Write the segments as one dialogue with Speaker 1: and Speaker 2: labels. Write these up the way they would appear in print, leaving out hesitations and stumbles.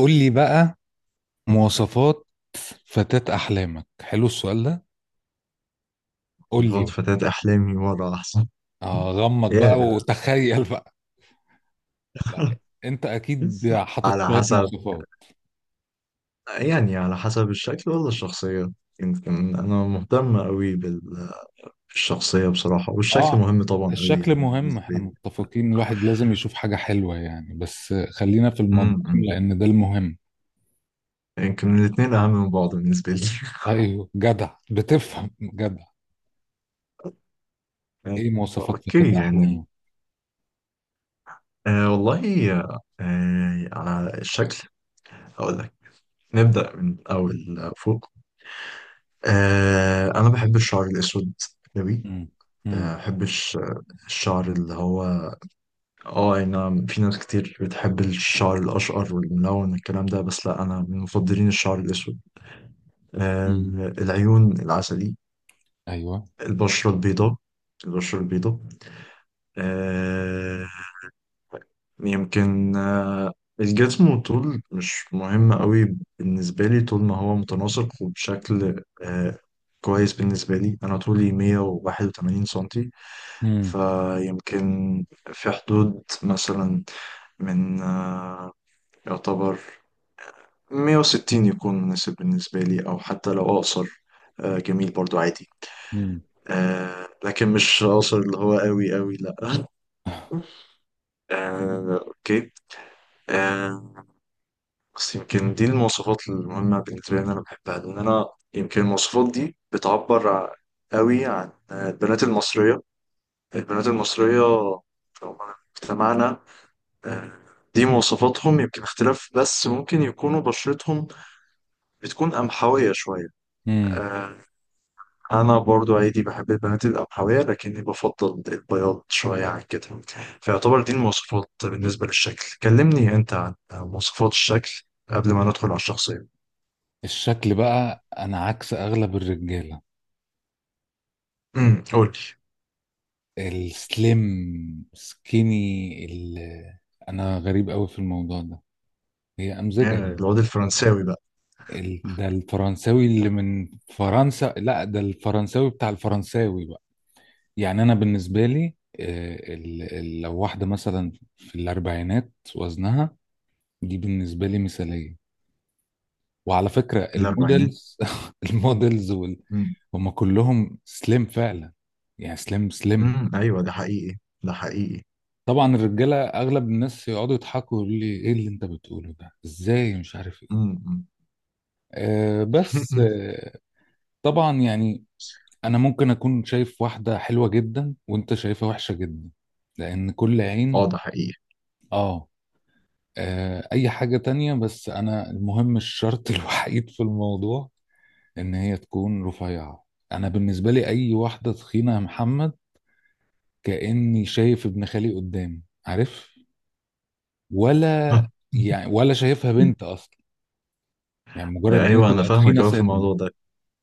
Speaker 1: قول لي بقى مواصفات فتاة أحلامك. حلو السؤال ده، قول لي
Speaker 2: تفوت
Speaker 1: بقى.
Speaker 2: فتاة أحلامي وضع أحسن
Speaker 1: غمض بقى
Speaker 2: يا
Speaker 1: وتخيل بقى. لا، أنت أكيد حاطط
Speaker 2: على
Speaker 1: شوية
Speaker 2: حسب.
Speaker 1: مواصفات.
Speaker 2: يعني على حسب الشكل ولا الشخصية؟ يمكن أنا مهتم أوي بالشخصية بصراحة، والشكل
Speaker 1: آه
Speaker 2: مهم طبعا أوي
Speaker 1: الشكل
Speaker 2: يعني
Speaker 1: مهم،
Speaker 2: بالنسبة
Speaker 1: احنا
Speaker 2: لي.
Speaker 1: متفقين، الواحد لازم يشوف حاجة حلوة يعني، بس خلينا في المضمون
Speaker 2: أمم.
Speaker 1: لأن ده المهم.
Speaker 2: يمكن الاتنين أهم من بعض بالنسبة لي.
Speaker 1: أيوه، جدع بتفهم، جدع. إيه مواصفات
Speaker 2: أوكي
Speaker 1: فتاة
Speaker 2: يعني.
Speaker 1: أحلامك؟
Speaker 2: والله، على الشكل هقول لك. نبدأ من أول فوق. أنا بحب الشعر الأسود أوي،
Speaker 1: مم. مم.
Speaker 2: ما بحبش الشعر اللي هو اه اي نعم، في ناس كتير بتحب الشعر الاشقر والملون والكلام ده، بس لا، انا من مفضلين الشعر الاسود. آه
Speaker 1: مم.
Speaker 2: العيون العسلي،
Speaker 1: أيوه.
Speaker 2: البشرة البيضاء البشرة البيضاء. آه يمكن آه الجسم والطول مش مهم قوي بالنسبة لي، طول ما هو متناسق وبشكل كويس بالنسبة لي. أنا طولي 181 سنتي،
Speaker 1: مم.
Speaker 2: فيمكن في حدود مثلا من آه، يعتبر 160 يكون مناسب بالنسبة لي، أو حتى لو أقصر جميل برضو عادي.
Speaker 1: مم.
Speaker 2: لكن مش أقصر اللي هو قوي قوي، لأ. آه، أوكي آه، بس يمكن دي المواصفات المهمة بالنسبة لي، إن أنا بحبها، لأن أنا يمكن المواصفات دي قوي عن البنات المصرية في مجتمعنا. آه، دي مواصفاتهم، يمكن اختلاف، بس ممكن يكونوا بشرتهم بتكون قمحوية شوية.
Speaker 1: مم.
Speaker 2: آه، أنا برضو عادي بحب البنات القمحوية، لكني بفضل البياض شوية عن كده. فيعتبر دي المواصفات بالنسبة للشكل. كلمني أنت عن مواصفات الشكل قبل ما ندخل على الشخصية.
Speaker 1: الشكل بقى أنا عكس أغلب الرجالة.
Speaker 2: امم، قول لي.
Speaker 1: السليم سكيني، انا غريب قوي في الموضوع ده، هي امزجه يعني.
Speaker 2: الواد الفرنساوي بقى؟
Speaker 1: ده الفرنساوي اللي من فرنسا، لا ده الفرنساوي بتاع الفرنساوي بقى. يعني انا بالنسبه لي، لو واحده مثلا في الاربعينات وزنها، دي بالنسبه لي مثاليه. وعلى فكره
Speaker 2: الأربعينات؟
Speaker 1: المودلز، المودلز
Speaker 2: امم.
Speaker 1: هم كلهم سليم فعلا، يعني سليم سليم.
Speaker 2: أمم، أيوه، ده حقيقي.
Speaker 1: طبعا الرجاله، اغلب الناس يقعدوا يضحكوا يقولوا لي ايه اللي انت بتقوله ده، ازاي، مش عارف ايه.
Speaker 2: امم.
Speaker 1: أه بس أه طبعا يعني انا ممكن اكون شايف واحده حلوه جدا وانت شايفها وحشه جدا، لان كل
Speaker 2: اه،
Speaker 1: عين.
Speaker 2: ده حقيقي.
Speaker 1: اه. اي حاجه تانية، بس انا المهم الشرط الوحيد في الموضوع ان هي تكون رفيعه. انا بالنسبه لي اي واحده تخينه يا محمد كاني شايف ابن خالي قدامي، عارف، ولا يعني ولا شايفها بنت اصلا. يعني مجرد ان هي
Speaker 2: ايوه، انا
Speaker 1: تبقى
Speaker 2: فاهمك
Speaker 1: تخينه
Speaker 2: قوي في
Speaker 1: سنه.
Speaker 2: الموضوع ده.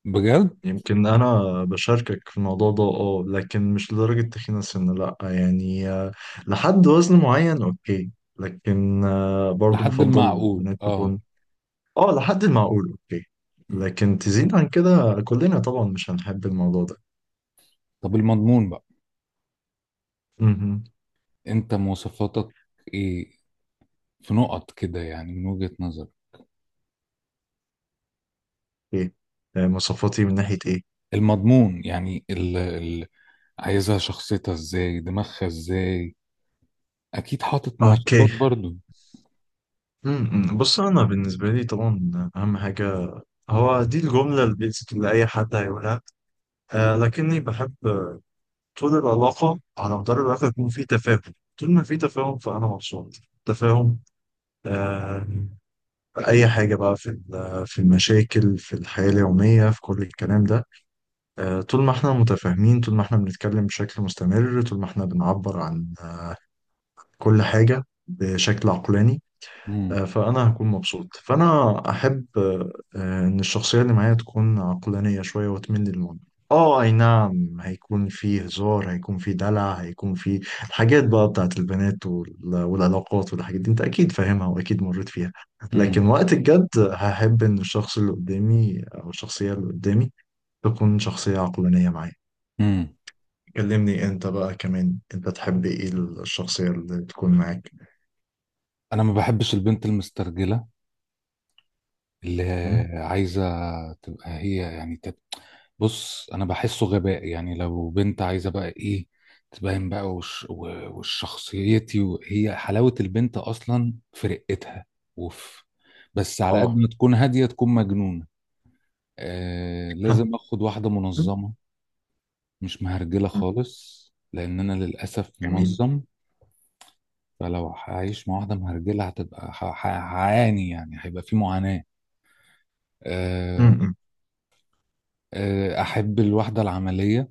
Speaker 1: بجد.
Speaker 2: يمكن انا بشاركك في الموضوع ده، اه، لكن مش لدرجة تخين سن، لا يعني، لحد وزن معين، اوكي. لكن برضو
Speaker 1: لحد
Speaker 2: بفضل
Speaker 1: المعقول
Speaker 2: بنات
Speaker 1: اه.
Speaker 2: تكون، اه، لحد المعقول، اوكي. لكن تزيد عن كده كلنا طبعا مش هنحب الموضوع ده.
Speaker 1: طب المضمون بقى،
Speaker 2: امم.
Speaker 1: انت مواصفاتك ايه؟ في نقط كده يعني من وجهة نظرك.
Speaker 2: اوكي. مواصفاتي من ناحية ايه؟
Speaker 1: المضمون يعني ال عايزها شخصيتها ازاي، دماغها ازاي، اكيد حاطط
Speaker 2: اوكي.
Speaker 1: مواصفات برضو.
Speaker 2: امم، بص، انا بالنسبة لي طبعا اهم حاجة هو دي الجملة البيزك اللي اي حد هيقولها. لكني بحب طول العلاقة، على مدار العلاقة، يكون في تفاهم. طول ما في تفاهم فأنا مبسوط. تفاهم آه في أي حاجة بقى، في المشاكل، في الحياة اليومية، في كل الكلام ده. طول ما احنا متفاهمين، طول ما احنا بنتكلم بشكل مستمر، طول ما احنا بنعبر عن كل حاجة بشكل عقلاني،
Speaker 1: امم.
Speaker 2: فأنا هكون مبسوط. فأنا أحب إن الشخصية اللي معايا تكون عقلانية شوية وتميل للمنطق. أي نعم، هيكون فيه هزار، هيكون فيه دلع، هيكون فيه الحاجات بقى بتاعت البنات والعلاقات والحاجات دي، أنت أكيد فاهمها وأكيد مريت فيها.
Speaker 1: امم.
Speaker 2: لكن وقت الجد هحب إن الشخص اللي قدامي أو الشخصية اللي قدامي تكون شخصية عقلانية معايا.
Speaker 1: امم.
Speaker 2: كلمني أنت بقى كمان، أنت تحب إيه الشخصية اللي تكون معاك؟
Speaker 1: انا ما بحبش البنت المسترجله اللي
Speaker 2: م?
Speaker 1: عايزة تبقى هي يعني بص، أنا بحسه غباء يعني. لو بنت عايزة بقى إيه تبين بقى وشخصيتي، وهي حلاوة البنت أصلا في رقتها. أوف. بس على قد
Speaker 2: آه.
Speaker 1: ما تكون هادية تكون مجنونة. لازم أخد واحدة منظمة، مش مهرجلة خالص، لأن أنا للأسف منظم، فلو هعيش مع واحدة مهرجلة هعاني، يعني هيبقى في معاناة. آه،
Speaker 2: جميل،
Speaker 1: احب الوحدة العملية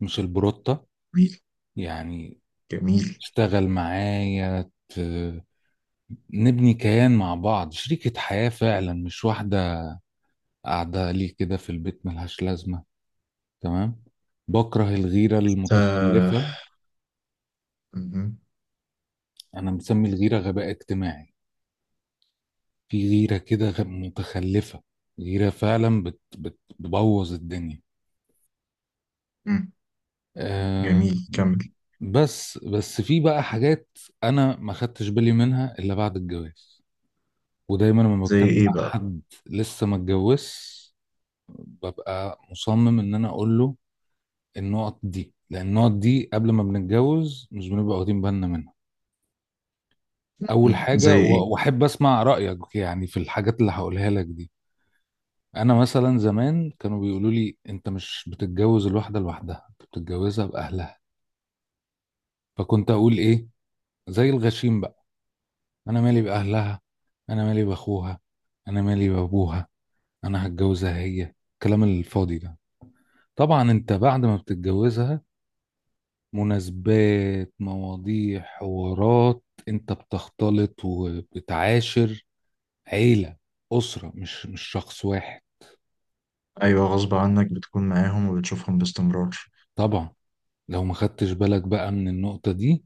Speaker 1: مش البروتة،
Speaker 2: جميل،
Speaker 1: يعني
Speaker 2: جميل.
Speaker 1: اشتغل معايا، نبني كيان مع بعض، شريكة حياة فعلا، مش واحدة قاعدة لي كده في البيت ملهاش لازمة. تمام. بكره الغيرة
Speaker 2: آه،
Speaker 1: المتخلفة.
Speaker 2: مهم.
Speaker 1: انا مسمي الغيرة غباء اجتماعي. في غيرة كده متخلفة، غيرة فعلا بت بت بتبوظ الدنيا.
Speaker 2: مم.
Speaker 1: أه.
Speaker 2: جميل، كمل.
Speaker 1: بس في بقى حاجات انا ما خدتش بالي منها الا بعد الجواز، ودايما لما
Speaker 2: زي
Speaker 1: بتكلم
Speaker 2: ايه
Speaker 1: مع
Speaker 2: بقى؟
Speaker 1: حد لسه ما اتجوزش ببقى مصمم ان انا اقول له النقط دي، لان النقط دي قبل ما بنتجوز مش بنبقى واخدين بالنا منها. اول
Speaker 2: مم. زي
Speaker 1: حاجه،
Speaker 2: ايه؟
Speaker 1: واحب اسمع رايك يعني في الحاجات اللي هقولها لك دي. انا مثلا زمان كانوا بيقولوا لي انت مش بتتجوز الواحده لوحدها، انت بتتجوزها باهلها، فكنت اقول ايه، زي الغشيم بقى، انا مالي باهلها، انا مالي باخوها، انا مالي بابوها، انا هتجوزها هي، الكلام الفاضي ده. طبعا انت بعد ما بتتجوزها مناسبات، مواضيع، حوارات، انت بتختلط وبتعاشر عيلة، أسرة، مش شخص واحد.
Speaker 2: ايوه، غصب عنك بتكون معاهم وبتشوفهم باستمرار.
Speaker 1: طبعا لو ما خدتش بالك بقى من النقطة دي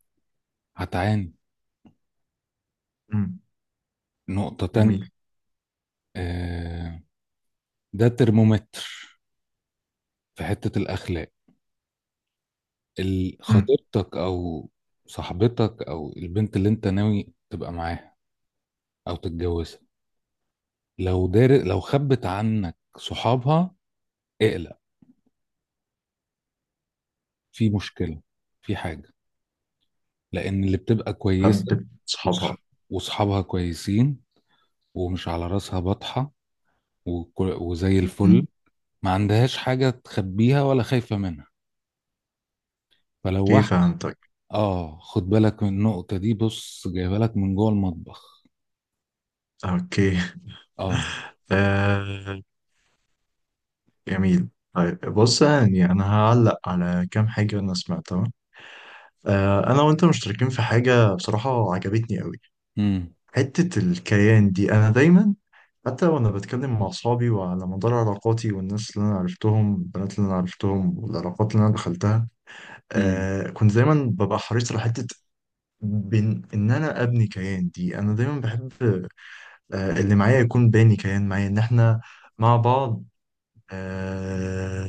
Speaker 1: هتعاني.
Speaker 2: مم.
Speaker 1: نقطة تانية.
Speaker 2: جميل.
Speaker 1: آه، ده ترمومتر في حتة الأخلاق.
Speaker 2: مم.
Speaker 1: خطيبتك أو صاحبتك أو البنت اللي انت ناوي تبقى معاها أو تتجوزها، لو دار، لو خبت عنك صحابها اقلق، في مشكلة، في حاجة، لأن اللي بتبقى كويسة
Speaker 2: حبة صحابها.
Speaker 1: وصح- وصحابها كويسين ومش على راسها بطحة وزي
Speaker 2: مم.
Speaker 1: الفل، ما عندهاش حاجة تخبيها ولا خايفة منها. فلو
Speaker 2: اوكي
Speaker 1: واحد
Speaker 2: فهمتك.
Speaker 1: اه، خد بالك من النقطة دي، بص جايبها لك من جوه المطبخ.
Speaker 2: اوكي.
Speaker 1: اه.
Speaker 2: آه، جميل، طيب بص، يعني انا هعلق على كام حاجة انا سمعتها. آه، انا وانت مشتركين في حاجة بصراحة عجبتني قوي.
Speaker 1: امم.
Speaker 2: حتة الكيان دي، انا دايما حتى وانا بتكلم مع اصحابي، وعلى مدار علاقاتي والناس اللي انا عرفتهم، البنات اللي انا عرفتهم والعلاقات اللي انا دخلتها،
Speaker 1: امم.
Speaker 2: كنت دايما ببقى حريص على حته بين ان انا ابني كيان. دي انا دايما بحب اللي معايا يكون باني كيان معايا، ان احنا مع بعض، آه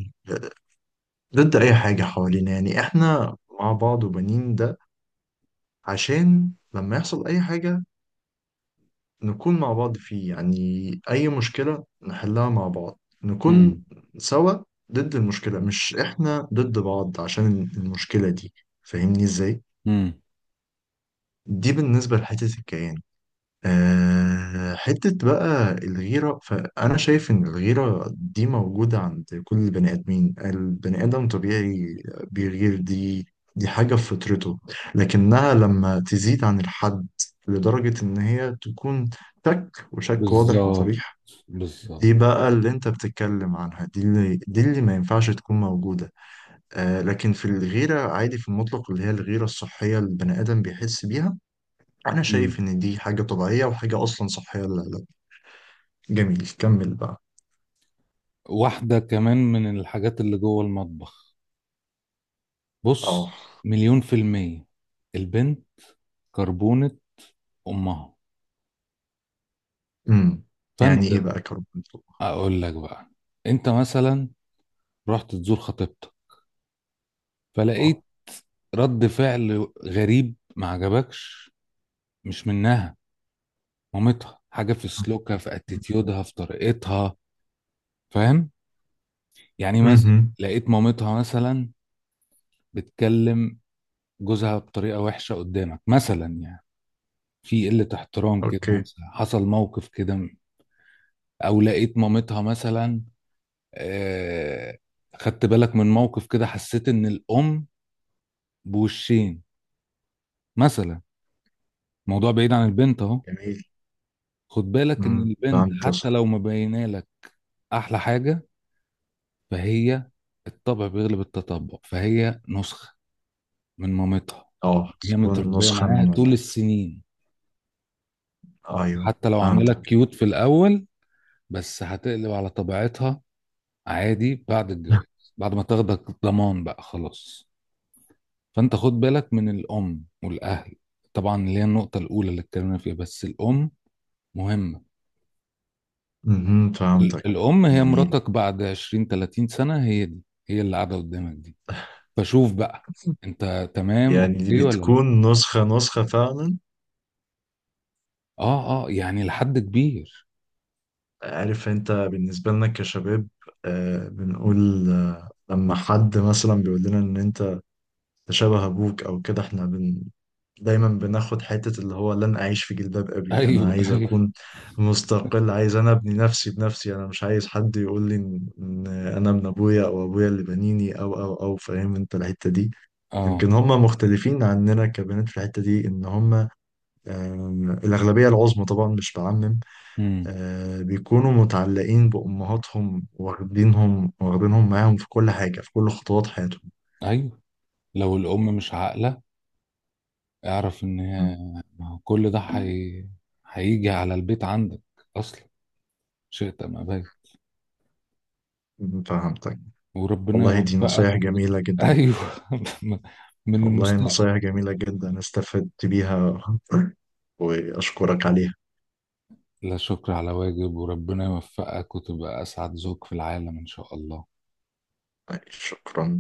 Speaker 2: ضد اي حاجه حوالينا. يعني احنا مع بعض، وبنين ده عشان لما يحصل اي حاجه نكون مع بعض فيه. يعني أي مشكلة نحلها مع بعض،
Speaker 1: امم.
Speaker 2: نكون سوا ضد المشكلة، مش إحنا ضد بعض عشان المشكلة دي. فاهمني إزاي؟
Speaker 1: امم.
Speaker 2: دي بالنسبة لحتة الكيان. أه، حتة بقى الغيرة، فأنا شايف إن الغيرة دي موجودة عند كل البني آدمين، البني آدم طبيعي بيغير، دي حاجة في فطرته. لكنها لما تزيد عن الحد لدرجة إن هي تكون شك، وشك واضح
Speaker 1: بالظبط،
Speaker 2: وصريح، دي
Speaker 1: بالظبط.
Speaker 2: بقى اللي انت بتتكلم عنها، دي اللي ما ينفعش تكون موجودة. لكن في الغيرة عادي في المطلق، اللي هي الغيرة الصحية اللي البني آدم بيحس بيها، أنا شايف
Speaker 1: امم.
Speaker 2: إن دي حاجة طبيعية، وحاجة أصلا صحية. لا، لا. جميل، كمل بقى.
Speaker 1: واحدة كمان من الحاجات اللي جوه المطبخ،
Speaker 2: اه.
Speaker 1: بص، مليون في المية البنت كربونة امها.
Speaker 2: امم.
Speaker 1: فانت،
Speaker 2: يعني إيه بقى كرب التوبة؟
Speaker 1: اقول لك بقى، انت مثلا رحت تزور خطيبتك
Speaker 2: اه.
Speaker 1: فلقيت رد فعل غريب ما عجبكش، مش منها، مامتها، حاجه في سلوكها في اتيتيودها في طريقتها، فاهم؟ يعني مثلا
Speaker 2: امم.
Speaker 1: لقيت مامتها مثلا بتكلم جوزها بطريقه وحشه قدامك مثلا يعني، في قله احترام كده
Speaker 2: أوكي.
Speaker 1: مثلا، حصل موقف كده. او لقيت مامتها مثلا، آه، خدت بالك من موقف كده، حسيت ان الام بوشين مثلا، موضوع بعيد عن البنت اهو.
Speaker 2: جميل.
Speaker 1: خد بالك ان
Speaker 2: امم،
Speaker 1: البنت
Speaker 2: فهمت
Speaker 1: حتى
Speaker 2: قصدك.
Speaker 1: لو مبينه لك احلى حاجه، فهي، الطبع بيغلب التطبع، فهي نسخه من مامتها،
Speaker 2: اه،
Speaker 1: هي
Speaker 2: تكون
Speaker 1: متربيه
Speaker 2: نسخة
Speaker 1: معاها
Speaker 2: من
Speaker 1: طول
Speaker 2: والدتك.
Speaker 1: السنين،
Speaker 2: أيوه.
Speaker 1: حتى لو عامله لك
Speaker 2: فهمتك.
Speaker 1: كيوت في الاول بس هتقلب على طبيعتها عادي بعد الجواز، بعد ما تاخدك ضمان بقى خلاص. فانت خد بالك من الام والاهل، طبعا اللي هي النقطه الاولى اللي اتكلمنا فيها، بس الام مهمه.
Speaker 2: امم، فهمتك.
Speaker 1: الأم هي
Speaker 2: جميل.
Speaker 1: مراتك بعد 20 30 سنة، هي دي هي اللي قاعدة قدامك دي، فشوف بقى أنت تمام
Speaker 2: يعني دي
Speaker 1: أوكي ولا لأ.
Speaker 2: بتكون نسخة فعلا.
Speaker 1: أه أه، يعني لحد كبير.
Speaker 2: عارف انت بالنسبة لنا كشباب، بنقول لما حد مثلا بيقول لنا ان انت تشابه ابوك او كده، احنا بن دايما بناخد حتة اللي هو لن اعيش في جلباب ابي، انا
Speaker 1: أيوه
Speaker 2: عايز
Speaker 1: أيوه.
Speaker 2: اكون مستقل، عايز انا ابني نفسي بنفسي، انا مش عايز حد يقول لي إن انا ابن ابويا، او ابويا اللي بنيني، او فاهم انت الحتة دي.
Speaker 1: أه.
Speaker 2: يمكن هم مختلفين عننا كبنات في الحتة دي، ان هم الاغلبية العظمى طبعا مش بعمم،
Speaker 1: امم.
Speaker 2: بيكونوا متعلقين بأمهاتهم، واخدينهم معاهم في كل حاجة، في كل خطوات حياتهم.
Speaker 1: أيوه. لو الأم مش عاقلة اعرف إن هي، ما هو كل ده هيجي على البيت عندك أصلا، شئت أم أبيت.
Speaker 2: م، فهمتك.
Speaker 1: وربنا
Speaker 2: والله دي
Speaker 1: يوفقك
Speaker 2: نصايح جميلة جدا.
Speaker 1: أيوه. من
Speaker 2: والله
Speaker 1: المستقبل.
Speaker 2: نصايح جميلة جدا، استفدت بيها. وأشكرك عليها.
Speaker 1: لا شكر على واجب، وربنا يوفقك وتبقى أسعد زوج في العالم إن شاء الله.
Speaker 2: شكرا.